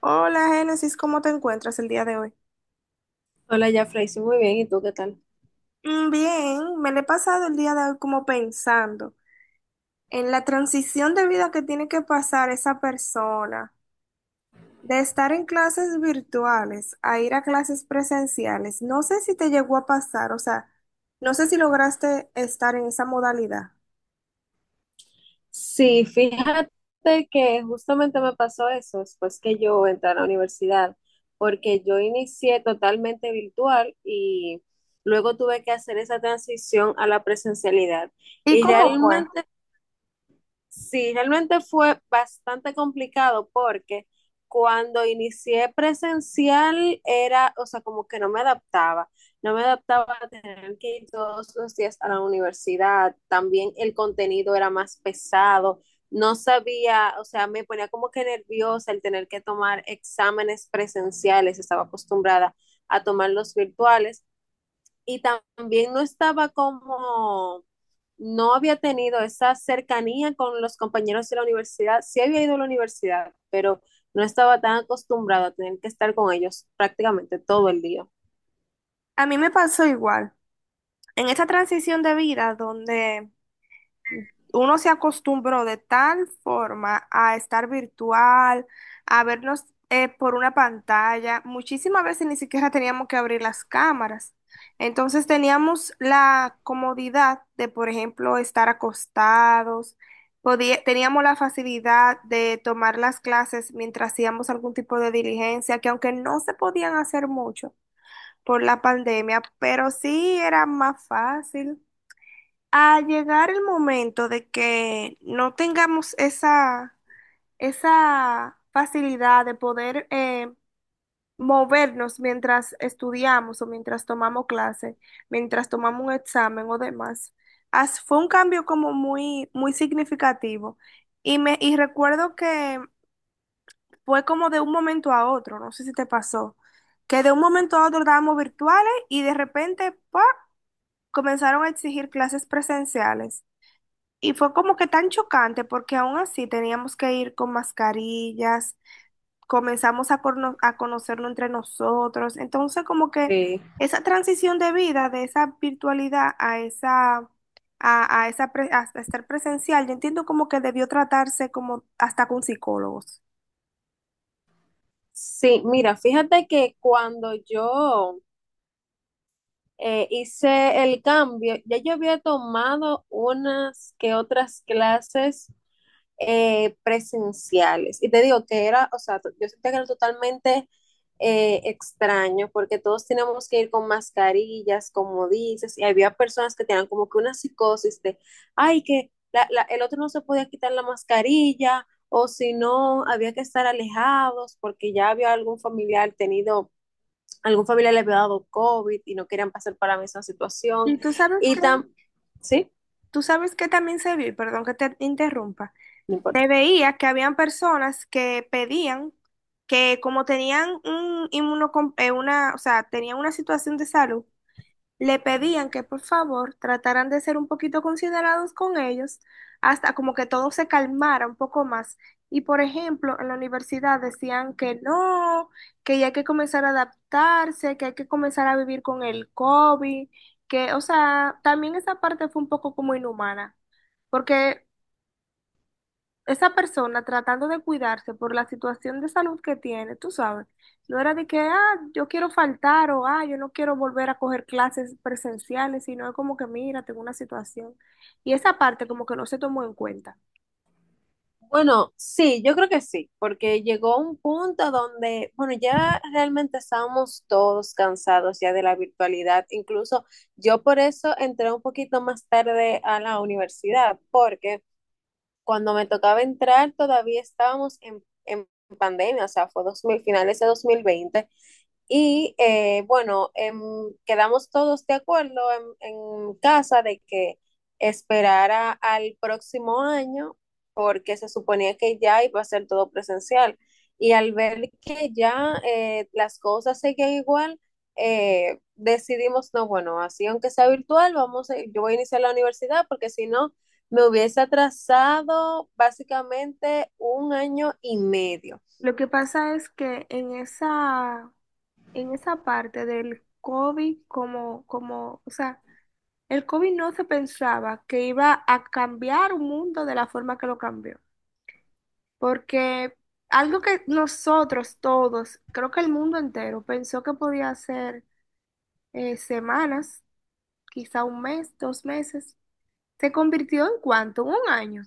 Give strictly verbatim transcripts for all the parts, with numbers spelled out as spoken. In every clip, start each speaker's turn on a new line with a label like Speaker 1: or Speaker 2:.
Speaker 1: Hola, Génesis, ¿cómo te encuentras el día de hoy?
Speaker 2: Hola, ya, hice muy bien. ¿Y tú qué tal?
Speaker 1: Mm, Bien, me lo he pasado el día de hoy como pensando en la transición de vida que tiene que pasar esa persona de estar en clases virtuales a ir a clases presenciales. No sé si te llegó a pasar, o sea, no sé si lograste estar en esa modalidad.
Speaker 2: Sí, fíjate que justamente me pasó eso después que yo entré a la universidad, porque yo inicié totalmente virtual y luego tuve que hacer esa transición a la presencialidad.
Speaker 1: ¿Y
Speaker 2: Y
Speaker 1: cómo fue?
Speaker 2: realmente Sí, realmente fue bastante complicado porque cuando inicié presencial era, o sea, como que no me adaptaba, no me adaptaba a tener que ir todos los días a la universidad, también el contenido era más pesado, no sabía, o sea, me ponía como que nerviosa el tener que tomar exámenes presenciales, estaba acostumbrada a tomar los virtuales y también no estaba como, no había tenido esa cercanía con los compañeros de la universidad. Sí había ido a la universidad, pero no estaba tan acostumbrado a tener que estar con ellos prácticamente todo el día.
Speaker 1: A mí me pasó igual. En esa transición de vida donde uno se acostumbró de tal forma a estar virtual, a vernos eh, por una pantalla. Muchísimas veces ni siquiera teníamos que abrir las cámaras. Entonces teníamos la comodidad de, por ejemplo, estar acostados. Podía- teníamos la facilidad de tomar las clases mientras hacíamos algún tipo de diligencia, que aunque no se podían hacer mucho por la pandemia, pero sí era más fácil a llegar el momento de que no tengamos esa, esa facilidad de poder eh, movernos mientras estudiamos o mientras tomamos clase, mientras tomamos un examen o demás. As- fue un cambio como muy, muy significativo. Y, me, y recuerdo que fue como de un momento a otro, no sé si te pasó, que de un momento a otro estábamos virtuales y de repente, ¡pa! Comenzaron a exigir clases presenciales. Y fue como que tan chocante porque aún así teníamos que ir con mascarillas, comenzamos a, corno- a conocernos entre nosotros. Entonces como que
Speaker 2: Sí,
Speaker 1: esa transición de vida, de esa virtualidad a esa, a, a esa pre- a estar presencial, yo entiendo como que debió tratarse como hasta con psicólogos.
Speaker 2: sí, mira, fíjate que cuando yo eh, hice el cambio, ya yo había tomado unas que otras clases eh, presenciales. Y te digo que era, o sea, yo sentía que era totalmente eh, extraño porque todos teníamos que ir con mascarillas, como dices, y había personas que tenían como que una psicosis de, ay, que la- la- el otro no se podía quitar la mascarilla o si no, había que estar alejados porque ya había algún familiar tenido, algún familiar le había dado COVID y no querían pasar para la misma situación.
Speaker 1: Y tú sabes
Speaker 2: Y
Speaker 1: que,
Speaker 2: tam, ¿sí?
Speaker 1: tú sabes que también se vio, y perdón que te interrumpa,
Speaker 2: No importa.
Speaker 1: se veía que habían personas que pedían que como tenían un inmunocom- eh, una, o sea, tenían una situación de salud, le pedían que por favor trataran de ser un poquito considerados con ellos, hasta como que todo se calmara un poco más. Y por ejemplo, en la universidad decían que no, que ya hay que comenzar a adaptarse, que hay que comenzar a vivir con el COVID, que, o sea, también esa parte fue un poco como inhumana, porque esa persona tratando de cuidarse por la situación de salud que tiene, tú sabes, no era de que, ah, yo quiero faltar o, ah, yo no quiero volver a coger clases presenciales, sino es como que, mira, tengo una situación. Y esa parte como que no se tomó en cuenta.
Speaker 2: Bueno, sí, yo creo que sí, porque llegó un punto donde, bueno, ya realmente estábamos todos cansados ya de la virtualidad. Incluso yo por eso entré un poquito más tarde a la universidad, porque cuando me tocaba entrar todavía estábamos en, en pandemia, o sea, fue dos mil finales de dos mil veinte. Y eh, bueno, em, quedamos todos de acuerdo en, en casa de que esperara al próximo año porque se suponía que ya iba a ser todo presencial. Y al ver que ya eh, las cosas seguían igual, eh, decidimos, no, bueno, así aunque sea virtual, vamos a- yo voy a iniciar la universidad porque si no, me hubiese atrasado básicamente un año y medio.
Speaker 1: Lo que pasa es que en esa, en esa parte del COVID, como, como, o sea, el COVID no se pensaba que iba a cambiar un mundo de la forma que lo cambió. Porque algo que nosotros todos, creo que el mundo entero, pensó que podía ser eh, semanas, quizá un mes, dos meses, se convirtió en cuánto, un año.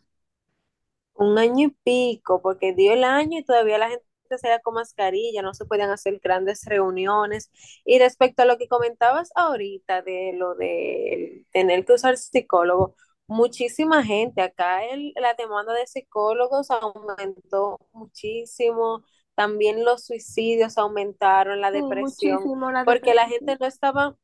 Speaker 2: Un año y pico, porque dio el año y todavía la gente salía con mascarilla, no se podían hacer grandes reuniones. Y respecto a lo que comentabas ahorita de lo de tener que usar psicólogo, muchísima gente, acá el- la demanda de psicólogos aumentó muchísimo, también los suicidios aumentaron, la
Speaker 1: Sí,
Speaker 2: depresión,
Speaker 1: muchísimo la
Speaker 2: porque la
Speaker 1: depresión.
Speaker 2: gente no estaba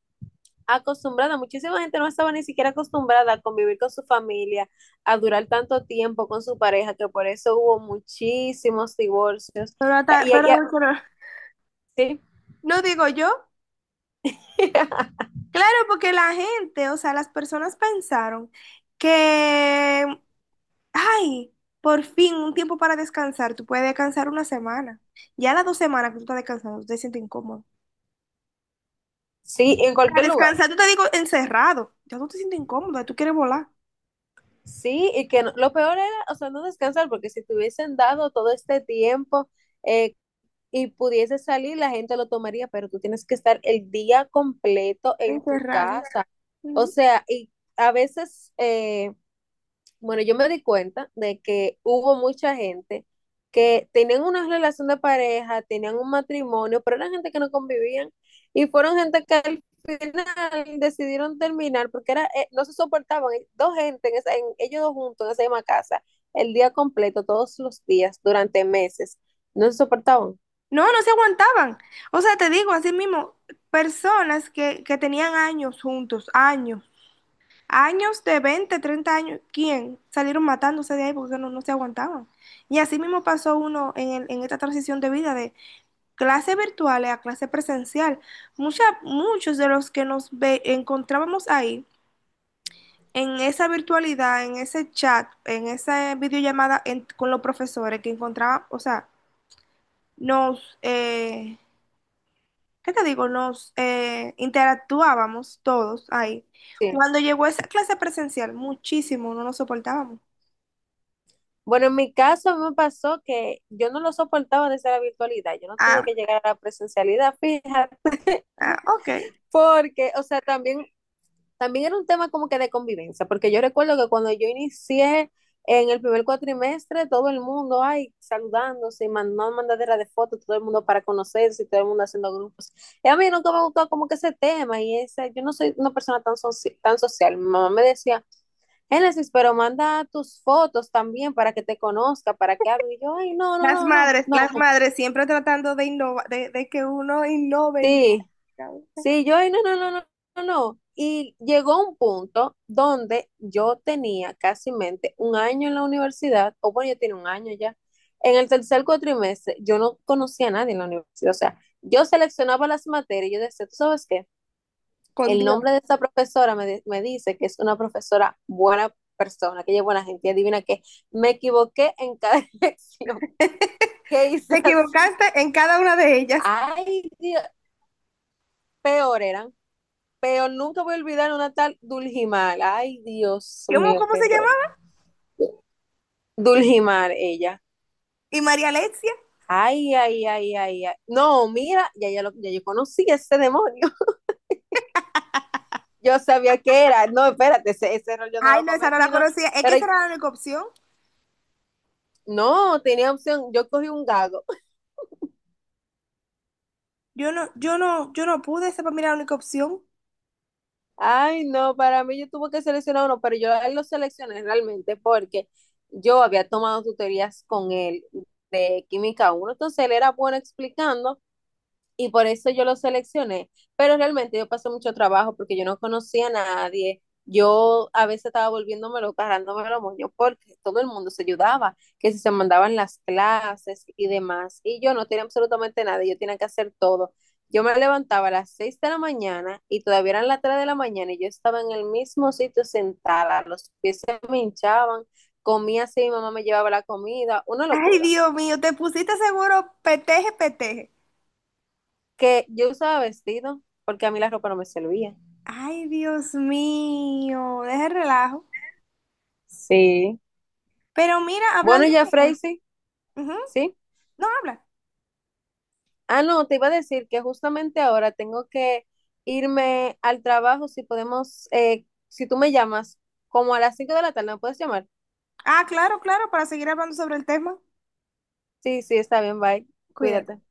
Speaker 2: acostumbrada, muchísima gente no estaba ni siquiera acostumbrada a convivir con su familia, a durar tanto tiempo con su pareja, que por eso hubo muchísimos divorcios.
Speaker 1: Pero, hasta-
Speaker 2: Y, y-
Speaker 1: pero,
Speaker 2: y-
Speaker 1: pero
Speaker 2: sí.
Speaker 1: no digo yo, claro, porque la gente, o sea, las personas pensaron que, ay, por fin un tiempo para descansar, tú puedes descansar una semana. Ya las dos semanas que tú estás descansando, tú te sientes incómodo.
Speaker 2: Sí, en
Speaker 1: Para
Speaker 2: cualquier lugar.
Speaker 1: descansar, yo te digo encerrado. Ya no te sientes incómoda, tú quieres volar.
Speaker 2: Sí, y que no- lo peor era, o sea, no descansar, porque si te hubiesen dado todo este tiempo eh, y pudiese salir, la gente lo tomaría, pero tú tienes que estar el día completo en tu
Speaker 1: Encerrado.
Speaker 2: casa. O
Speaker 1: Ujú.
Speaker 2: sea, y a veces... eh, bueno, yo me di cuenta de que hubo mucha gente que tenían una relación de pareja, tenían un matrimonio, pero eran gente que no convivían y fueron gente que al final decidieron terminar porque era, eh, no se soportaban. eh, Dos gente, en esa- en- ellos dos juntos en esa misma casa, el día completo, todos los días, durante meses, no se soportaban.
Speaker 1: No, no se aguantaban. O sea, te digo, así mismo, personas que, que tenían años juntos, años, años de veinte treinta años, ¿quién? Salieron matándose de ahí porque no, no se aguantaban. Y así mismo pasó uno en, el- en esta transición de vida de clase virtual a clase presencial. Mucha- muchos de los que nos ve- encontrábamos ahí en esa virtualidad, en ese chat, en esa videollamada en- con los profesores que encontraban, o sea, nos, eh, ¿qué te digo? Nos eh, interactuábamos todos ahí.
Speaker 2: Sí.
Speaker 1: Cuando llegó esa clase presencial, muchísimo, no nos soportábamos.
Speaker 2: Bueno, en mi caso a mí me pasó que yo no lo soportaba desde la virtualidad, yo no tuve
Speaker 1: Ah,
Speaker 2: que llegar a la presencialidad, fíjate.
Speaker 1: ah, ok.
Speaker 2: Porque, o sea, también también era un tema como que de convivencia, porque yo recuerdo que cuando yo inicié en el primer cuatrimestre, todo el mundo, ay, saludándose, y mandando mandadera de fotos, todo el mundo para conocerse, y todo el mundo haciendo grupos. Y a mí nunca me gustó como que ese tema, y ese, yo no soy una persona tan, soci tan social. Mi mamá me decía, Génesis, pero manda tus fotos también para que te conozca, para que hable. Y yo, ay, no, no,
Speaker 1: Las
Speaker 2: no, no,
Speaker 1: madres,
Speaker 2: no,
Speaker 1: las madres siempre tratando de innovar, de, de que uno innove y
Speaker 2: sí. Sí, yo, "Ay, no, no, no, no, no, no". Y llegó un punto donde yo tenía casi mente un año en la universidad, o bueno, yo tenía un año ya. En el tercer cuatrimestre, yo no conocía a nadie en la universidad. O sea, yo seleccionaba las materias y yo decía, ¿tú sabes qué?
Speaker 1: con
Speaker 2: El
Speaker 1: Dios.
Speaker 2: nombre de esta profesora me, di- me dice que es una profesora buena persona, que ella es buena gente. Y adivina qué, me equivoqué en cada elección. ¿Qué
Speaker 1: Te
Speaker 2: hice así?
Speaker 1: equivocaste en cada una de ellas.
Speaker 2: Ay, Dios, peor eran. Pero nunca voy a olvidar una tal Dulgimar. Ay, Dios
Speaker 1: ¿Cómo,
Speaker 2: mío,
Speaker 1: cómo
Speaker 2: qué
Speaker 1: se
Speaker 2: error.
Speaker 1: llamaba?
Speaker 2: Dulgimar, ella.
Speaker 1: Y María Alexia.
Speaker 2: Ay, ay, ay, ay, ay. No, mira, ya, ya, lo, ya yo conocí ese demonio. Yo sabía que era. No, espérate, ese, ese error yo no
Speaker 1: Ay,
Speaker 2: lo
Speaker 1: no, esa no
Speaker 2: cometí,
Speaker 1: la
Speaker 2: no.
Speaker 1: conocía. Es que
Speaker 2: Pero
Speaker 1: esa era la única opción.
Speaker 2: no, tenía opción. Yo cogí un gago.
Speaker 1: Yo no, yo no, yo no pude, esa para mí era la única opción.
Speaker 2: Ay, no, para mí yo tuve que seleccionar uno, pero yo a él lo seleccioné realmente porque yo había tomado tutorías con él de química uno, entonces él era bueno explicando y por eso yo lo seleccioné. Pero realmente yo pasé mucho trabajo porque yo no conocía a nadie. Yo a veces estaba volviéndome volviéndomelo, cargándome los moños porque todo el mundo se ayudaba, que si se mandaban las clases y demás. Y yo no tenía absolutamente nada, yo tenía que hacer todo. Yo me levantaba a las seis de la mañana y todavía eran las tres de la mañana y yo estaba en el mismo sitio sentada, los pies se me hinchaban, comía así, mi mamá me llevaba la comida, una
Speaker 1: Ay,
Speaker 2: locura.
Speaker 1: Dios mío, te pusiste seguro peteje, peteje.
Speaker 2: Que yo usaba vestido porque a mí la ropa no me servía.
Speaker 1: Ay, Dios mío, deja el relajo.
Speaker 2: Sí.
Speaker 1: Pero mira,
Speaker 2: Bueno,
Speaker 1: hablando
Speaker 2: ya,
Speaker 1: de-
Speaker 2: Freisy,
Speaker 1: ujú,
Speaker 2: sí.
Speaker 1: no habla.
Speaker 2: Ah, no, te iba a decir que justamente ahora tengo que irme al trabajo. Si podemos, eh, si tú me llamas, como a las cinco de la tarde, ¿me puedes llamar?
Speaker 1: Ah, claro, claro, para seguir hablando sobre el tema.
Speaker 2: Sí, sí, está bien, bye.
Speaker 1: Cuidado.
Speaker 2: Cuídate.